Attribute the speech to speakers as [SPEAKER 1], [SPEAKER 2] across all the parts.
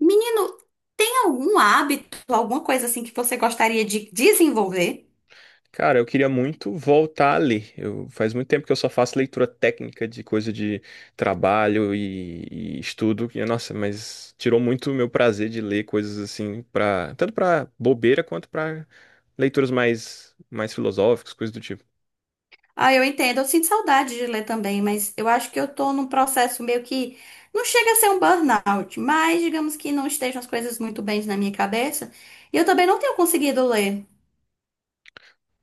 [SPEAKER 1] Menino, tem algum hábito, alguma coisa assim que você gostaria de desenvolver?
[SPEAKER 2] Cara, eu queria muito voltar a ler. Faz muito tempo que eu só faço leitura técnica de coisa de trabalho e estudo. E, nossa, mas tirou muito o meu prazer de ler coisas assim, tanto pra bobeira quanto pra leituras mais filosóficas, coisas do tipo.
[SPEAKER 1] Ah, eu entendo, eu sinto saudade de ler também, mas eu acho que eu tô num processo meio que não chega a ser um burnout, mas digamos que não estejam as coisas muito bem na minha cabeça, e eu também não tenho conseguido ler.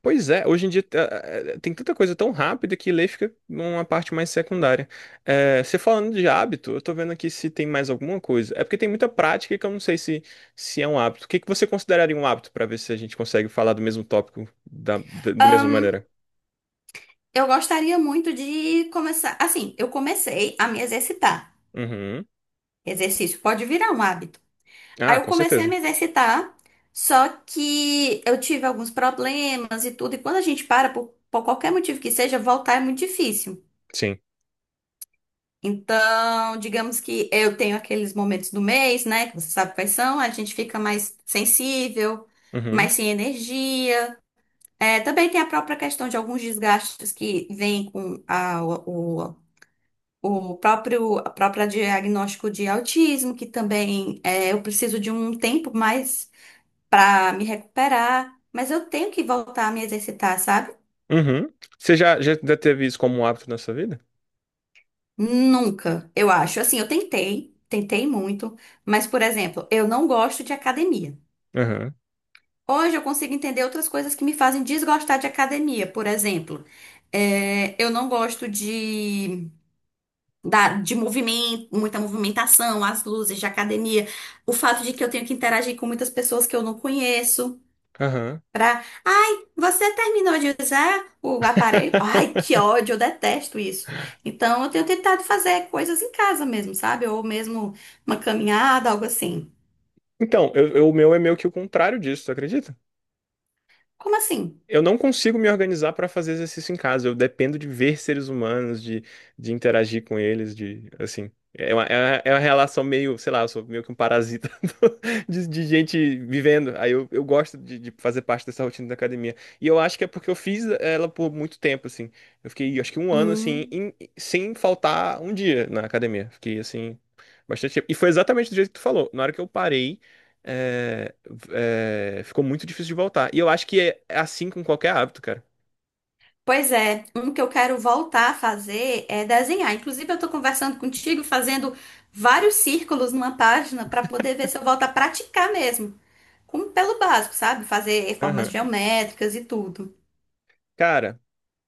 [SPEAKER 2] Pois é, hoje em dia tem tanta coisa tão rápida que ler fica numa parte mais secundária. Você falando de hábito, eu tô vendo aqui se tem mais alguma coisa. É porque tem muita prática que eu não sei se é um hábito. O que que você consideraria um hábito para ver se a gente consegue falar do mesmo tópico da mesma
[SPEAKER 1] Ahn,
[SPEAKER 2] maneira?
[SPEAKER 1] eu gostaria muito de começar, assim, eu comecei a me exercitar.
[SPEAKER 2] Uhum.
[SPEAKER 1] Exercício pode virar um hábito. Aí
[SPEAKER 2] Ah,
[SPEAKER 1] eu
[SPEAKER 2] com
[SPEAKER 1] comecei a
[SPEAKER 2] certeza.
[SPEAKER 1] me exercitar, só que eu tive alguns problemas e tudo, e quando a gente para, por qualquer motivo que seja, voltar é muito difícil.
[SPEAKER 2] Sim.
[SPEAKER 1] Então, digamos que eu tenho aqueles momentos do mês, né, que você sabe quais são, a gente fica mais sensível,
[SPEAKER 2] Uhum.
[SPEAKER 1] mais sem energia. É, também tem a própria questão de alguns desgastes que vêm com o próprio, a própria diagnóstico de autismo, que também é, eu preciso de um tempo mais para me recuperar, mas eu tenho que voltar a me exercitar, sabe?
[SPEAKER 2] Uhum. Você já teve isso como um hábito na sua vida?
[SPEAKER 1] Nunca, eu acho. Assim, eu tentei muito, mas, por exemplo, eu não gosto de academia.
[SPEAKER 2] Aham.
[SPEAKER 1] Hoje eu consigo entender outras coisas que me fazem desgostar de academia. Por exemplo, é, eu não gosto de movimento, muita movimentação, as luzes de academia, o fato de que eu tenho que interagir com muitas pessoas que eu não conheço.
[SPEAKER 2] Aham.
[SPEAKER 1] Pra, ai, você terminou de usar o aparelho? Ai, que ódio, eu detesto isso. Então, eu tenho tentado fazer coisas em casa mesmo, sabe? Ou mesmo uma caminhada, algo assim.
[SPEAKER 2] Então, o meu é meio que o contrário disso, tu acredita?
[SPEAKER 1] Como assim?
[SPEAKER 2] Eu não consigo me organizar para fazer exercício em casa. Eu dependo de ver seres humanos, de interagir com eles, de assim. É uma relação meio, sei lá, eu sou meio que um parasita de gente vivendo. Aí eu gosto de fazer parte dessa rotina da academia. E eu acho que é porque eu fiz ela por muito tempo, assim. Eu fiquei, acho que um ano, assim,
[SPEAKER 1] Hum.
[SPEAKER 2] sem faltar um dia na academia. Fiquei, assim, bastante tempo. E foi exatamente do jeito que tu falou. Na hora que eu parei é, ficou muito difícil de voltar. E eu acho que é assim com qualquer hábito, cara.
[SPEAKER 1] Pois é, um que eu quero voltar a fazer é desenhar. Inclusive, eu tô conversando contigo, fazendo vários círculos numa página para poder ver se eu volto a praticar mesmo. Como pelo básico, sabe? Fazer formas
[SPEAKER 2] Aham.
[SPEAKER 1] geométricas e tudo.
[SPEAKER 2] Cara,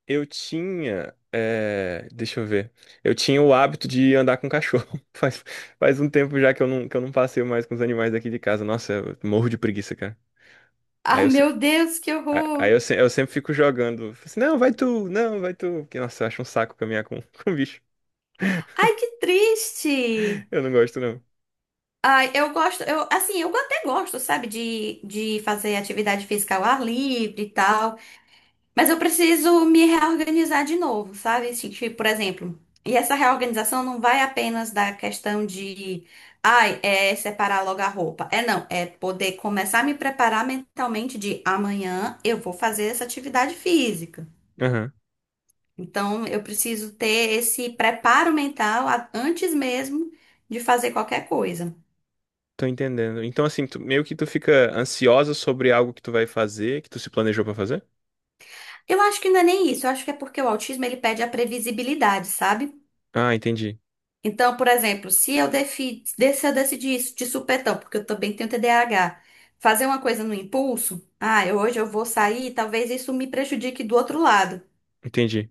[SPEAKER 2] eu tinha. Deixa eu ver. Eu tinha o hábito de andar com cachorro. Faz um tempo já que eu não passeio mais com os animais daqui de casa. Nossa, eu morro de preguiça, cara. Aí
[SPEAKER 1] Ai,
[SPEAKER 2] eu, se-
[SPEAKER 1] meu Deus, que
[SPEAKER 2] a- aí eu,
[SPEAKER 1] horror!
[SPEAKER 2] se- eu sempre fico jogando. Falo assim, não, vai tu, não, vai tu. Porque, nossa, eu acho um saco caminhar com, com bicho.
[SPEAKER 1] Ai, que triste!
[SPEAKER 2] Eu não gosto, não.
[SPEAKER 1] Ai, eu gosto, eu, assim, eu até gosto, sabe, de fazer atividade física ao ar livre e tal, mas eu preciso me reorganizar de novo, sabe? Assim, tipo, por exemplo, e essa reorganização não vai apenas da questão de, ai, é separar logo a roupa. É não, é poder começar a me preparar mentalmente de amanhã eu vou fazer essa atividade física.
[SPEAKER 2] Aham.
[SPEAKER 1] Então, eu preciso ter esse preparo mental antes mesmo de fazer qualquer coisa.
[SPEAKER 2] Tô entendendo. Então, assim, meio que tu fica ansiosa sobre algo que tu vai fazer, que tu se planejou pra fazer?
[SPEAKER 1] Eu acho que não é nem isso. Eu acho que é porque o autismo ele pede a previsibilidade, sabe?
[SPEAKER 2] Ah, entendi.
[SPEAKER 1] Então, por exemplo, se eu, se eu decidir isso de supetão, porque eu também tenho TDAH, fazer uma coisa no impulso, ah, eu, hoje eu vou sair, talvez isso me prejudique do outro lado.
[SPEAKER 2] Entendi.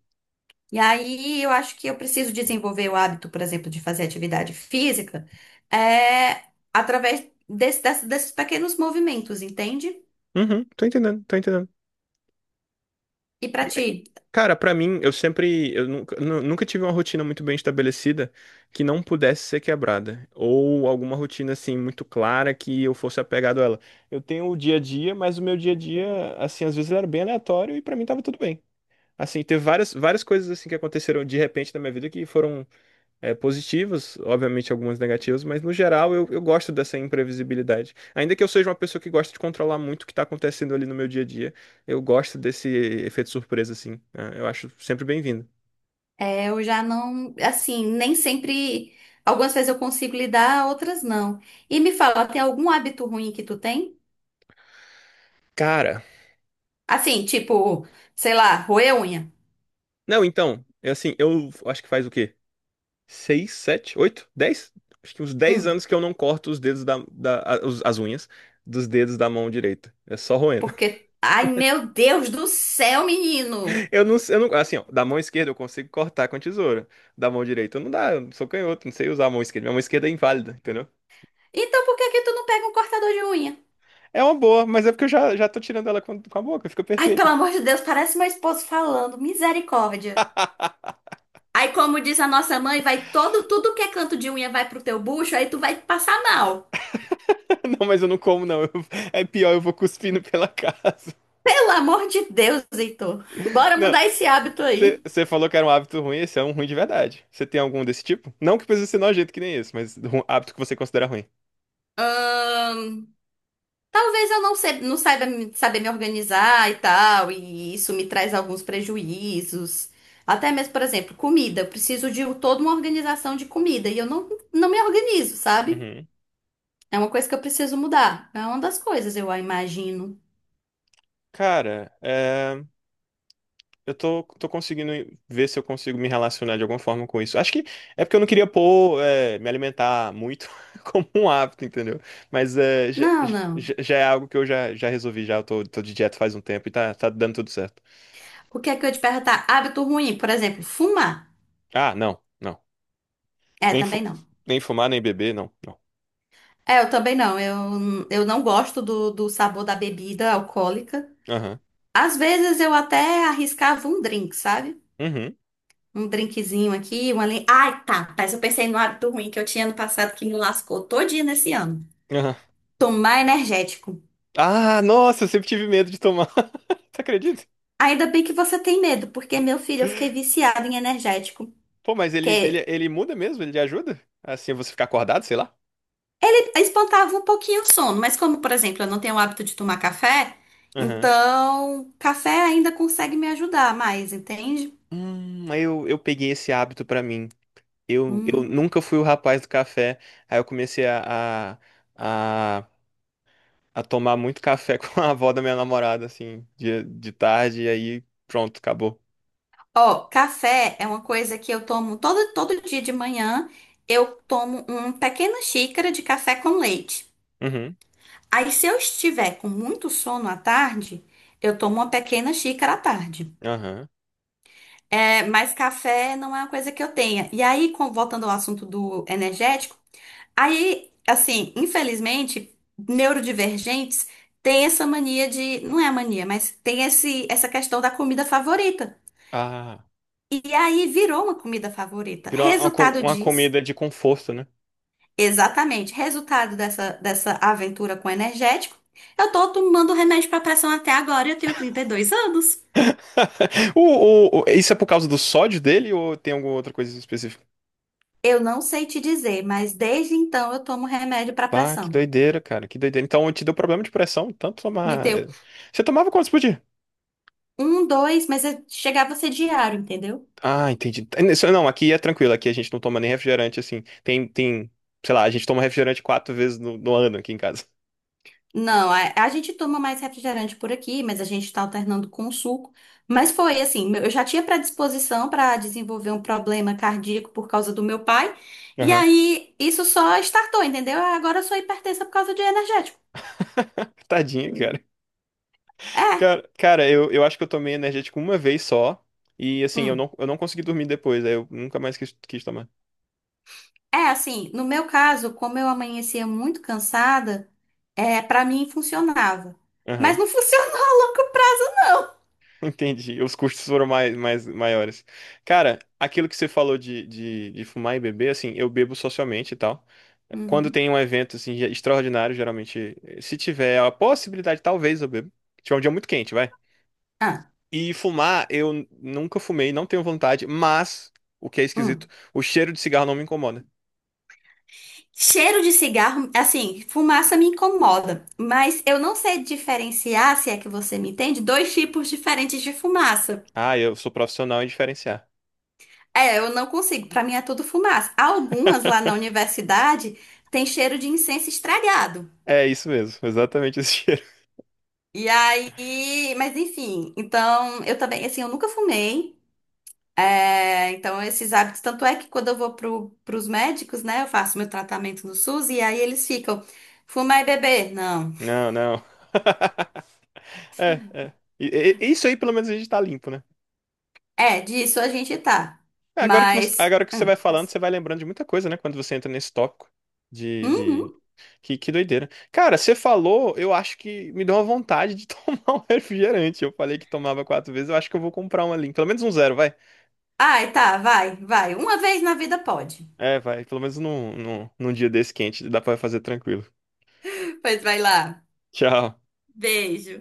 [SPEAKER 1] E aí eu acho que eu preciso desenvolver o hábito, por exemplo, de fazer atividade física, é, através desses pequenos movimentos, entende?
[SPEAKER 2] Uhum, tô entendendo.
[SPEAKER 1] E pra ti?
[SPEAKER 2] Cara, pra mim, eu nunca tive uma rotina muito bem estabelecida que não pudesse ser quebrada, ou alguma rotina assim muito clara que eu fosse apegado a ela. Eu tenho o dia a dia, mas o meu dia a dia, assim, às vezes ele era bem aleatório e pra mim tava tudo bem. Assim, teve várias, várias coisas assim que aconteceram de repente na minha vida que foram positivas, obviamente algumas negativas, mas no geral eu gosto dessa imprevisibilidade. Ainda que eu seja uma pessoa que gosta de controlar muito o que está acontecendo ali no meu dia a dia, eu gosto desse efeito surpresa, assim, né? Eu acho sempre bem-vindo.
[SPEAKER 1] É, eu já não, assim, nem sempre. Algumas vezes eu consigo lidar, outras não. E me fala, tem algum hábito ruim que tu tem?
[SPEAKER 2] Cara,
[SPEAKER 1] Assim, tipo, sei lá, roer unha.
[SPEAKER 2] não, então, é assim, eu acho que faz o quê? Seis, sete, oito, 10? Acho que uns 10
[SPEAKER 1] Hum,
[SPEAKER 2] anos que eu não corto os dedos as unhas dos dedos da mão direita. É só roendo.
[SPEAKER 1] porque. Ai, meu Deus do céu, menino!
[SPEAKER 2] Eu não, assim, ó, da mão esquerda eu consigo cortar com a tesoura. Da mão direita eu não dá, eu sou canhoto, não sei usar a mão esquerda. Minha mão esquerda é inválida, entendeu?
[SPEAKER 1] Então por que que tu não pega um cortador de unha?
[SPEAKER 2] É uma boa, mas é porque eu já tô tirando ela com a boca, fica
[SPEAKER 1] Ai,
[SPEAKER 2] perfeita.
[SPEAKER 1] pelo amor de Deus, parece meu esposo falando, misericórdia. Aí, como diz a nossa mãe, vai todo, tudo que é canto de unha vai pro teu bucho, aí tu vai passar mal.
[SPEAKER 2] Não, mas eu não como, não. É pior, eu vou cuspindo pela casa.
[SPEAKER 1] Pelo amor de Deus, Heitor. Bora
[SPEAKER 2] Não,
[SPEAKER 1] mudar esse hábito aí.
[SPEAKER 2] você falou que era um hábito ruim, esse é um ruim de verdade. Você tem algum desse tipo? Não que precisa ser nojento que nem esse, mas um hábito que você considera ruim.
[SPEAKER 1] Ahn, Talvez eu não, não saiba saber me organizar e tal, e isso me traz alguns prejuízos. Até mesmo, por exemplo, comida. Eu preciso de um, toda uma organização de comida e eu não me organizo, sabe?
[SPEAKER 2] Uhum.
[SPEAKER 1] É uma coisa que eu preciso mudar. É uma das coisas, eu imagino.
[SPEAKER 2] Cara, é. Eu tô conseguindo ver se eu consigo me relacionar de alguma forma com isso. Acho que é porque eu não queria pôr, me alimentar muito como um hábito, entendeu? Mas é, já,
[SPEAKER 1] Não, não.
[SPEAKER 2] já- já é algo que eu já resolvi, já. Eu tô de dieta faz um tempo e tá dando tudo certo.
[SPEAKER 1] O que é que eu ia te perguntar? Hábito ruim, por exemplo, fumar.
[SPEAKER 2] Ah, não, não.
[SPEAKER 1] É,
[SPEAKER 2] Nem, fu-
[SPEAKER 1] também não.
[SPEAKER 2] nem fumar, nem beber, não, não.
[SPEAKER 1] É, eu também não. Eu não gosto do sabor da bebida alcoólica.
[SPEAKER 2] Aham,
[SPEAKER 1] Às vezes eu até arriscava um drink, sabe?
[SPEAKER 2] uhum,
[SPEAKER 1] Um drinkzinho aqui, uma ali. Ai, tá. Mas eu pensei no hábito ruim que eu tinha ano passado que me lascou todinha nesse ano.
[SPEAKER 2] aham.
[SPEAKER 1] Tomar energético.
[SPEAKER 2] Ah, nossa, eu sempre tive medo de tomar. Você acredita?
[SPEAKER 1] Ainda bem que você tem medo, porque, meu filho, eu fiquei viciada em energético.
[SPEAKER 2] Pô, mas ele, ele,
[SPEAKER 1] Que
[SPEAKER 2] ele muda mesmo? Ele ajuda? Assim, você ficar acordado, sei lá?
[SPEAKER 1] espantava um pouquinho o sono. Mas como, por exemplo, eu não tenho o hábito de tomar café,
[SPEAKER 2] Aham.
[SPEAKER 1] então café ainda consegue me ajudar mais, entende?
[SPEAKER 2] Aí eu peguei esse hábito pra mim. Eu
[SPEAKER 1] Hum.
[SPEAKER 2] nunca fui o rapaz do café. Aí eu comecei a, a tomar muito café com a avó da minha namorada, assim, de tarde, e aí pronto, acabou.
[SPEAKER 1] Ó, café é uma coisa que eu tomo todo dia de manhã. Eu tomo uma pequena xícara de café com leite.
[SPEAKER 2] Uhum,
[SPEAKER 1] Aí, se eu estiver com muito sono à tarde, eu tomo uma pequena xícara à tarde.
[SPEAKER 2] aham.
[SPEAKER 1] É, mas café não é uma coisa que eu tenha. E aí, voltando ao assunto do energético, aí, assim, infelizmente, neurodivergentes têm essa mania de, não é mania, mas tem esse, essa questão da comida favorita.
[SPEAKER 2] Ah,
[SPEAKER 1] E aí virou uma comida favorita.
[SPEAKER 2] virou uma, uma co-
[SPEAKER 1] Resultado
[SPEAKER 2] uma
[SPEAKER 1] disso.
[SPEAKER 2] comida de conforto, né?
[SPEAKER 1] Exatamente. Resultado dessa aventura com energético, eu tô tomando remédio para pressão até agora e eu tenho 32 anos.
[SPEAKER 2] O, isso é por causa do sódio dele ou tem alguma outra coisa específica?
[SPEAKER 1] Eu não sei te dizer, mas desde então eu tomo remédio para
[SPEAKER 2] Pá, que
[SPEAKER 1] pressão.
[SPEAKER 2] doideira, cara, que doideira. Então te deu problema de pressão, tanto
[SPEAKER 1] Me
[SPEAKER 2] tomar.
[SPEAKER 1] deu
[SPEAKER 2] Você tomava quantos por dia?
[SPEAKER 1] um, dois, mas chegava a ser diário, entendeu?
[SPEAKER 2] Ah, entendi. É, Não, aqui é tranquilo, aqui a gente não toma nem refrigerante, assim. Tem, sei lá, a gente toma refrigerante quatro vezes no ano aqui em casa.
[SPEAKER 1] Não, a gente toma mais refrigerante por aqui, mas a gente tá alternando com suco. Mas foi assim, eu já tinha predisposição para desenvolver um problema cardíaco por causa do meu pai, e
[SPEAKER 2] Aham.
[SPEAKER 1] aí isso só startou, entendeu? Agora eu sou hipertensa por causa de energético.
[SPEAKER 2] Tadinho, cara.
[SPEAKER 1] É,
[SPEAKER 2] Cara, eu acho que eu tomei energético uma vez só. E assim, eu
[SPEAKER 1] hum.
[SPEAKER 2] não, eu não consegui dormir depois, aí eu nunca mais quis tomar.
[SPEAKER 1] É assim, no meu caso, como eu amanhecia muito cansada, é, para mim funcionava. Mas
[SPEAKER 2] Aham.
[SPEAKER 1] não funcionou a longo prazo,
[SPEAKER 2] Entendi. Os custos foram mais maiores. Cara, aquilo que você falou de fumar e beber, assim, eu bebo socialmente e tal.
[SPEAKER 1] não.
[SPEAKER 2] Quando
[SPEAKER 1] Uhum.
[SPEAKER 2] tem um evento assim extraordinário, geralmente, se tiver a possibilidade, talvez eu bebo. Se tiver um dia muito quente, vai.
[SPEAKER 1] Ah,
[SPEAKER 2] E fumar, eu nunca fumei, não tenho vontade, mas o que é esquisito,
[SPEAKER 1] hum.
[SPEAKER 2] o cheiro de cigarro não me incomoda.
[SPEAKER 1] Cheiro de cigarro, assim, fumaça me incomoda, mas eu não sei diferenciar, se é que você me entende, dois tipos diferentes de fumaça.
[SPEAKER 2] Ah, eu sou profissional em diferenciar.
[SPEAKER 1] É, eu não consigo, pra mim é tudo fumaça. Algumas lá na universidade têm cheiro de incenso estragado.
[SPEAKER 2] É isso mesmo, exatamente esse cheiro.
[SPEAKER 1] E aí, mas enfim, então eu também, assim, eu nunca fumei. É, então esses hábitos, tanto é que quando eu vou pro, pros médicos, né, eu faço meu tratamento no SUS e aí eles ficam, fumar e beber? Não.
[SPEAKER 2] Não, não. É, é. Isso aí, pelo menos, a gente tá limpo, né?
[SPEAKER 1] É, disso a gente tá.
[SPEAKER 2] É, Agora que você,
[SPEAKER 1] Mas,
[SPEAKER 2] agora que você vai
[SPEAKER 1] é
[SPEAKER 2] falando,
[SPEAKER 1] isso.
[SPEAKER 2] você vai lembrando de muita coisa, né? Quando você entra nesse tópico de...
[SPEAKER 1] Uhum.
[SPEAKER 2] Que doideira. Cara, você falou, eu acho que me deu uma vontade de tomar um refrigerante. Eu falei que tomava quatro vezes, eu acho que eu vou comprar um ali. Pelo menos um zero, vai.
[SPEAKER 1] Ai, tá, vai, vai. Uma vez na vida pode.
[SPEAKER 2] É, vai. Pelo menos num dia desse quente, dá pra fazer tranquilo.
[SPEAKER 1] Pois vai lá.
[SPEAKER 2] Tchau.
[SPEAKER 1] Beijo.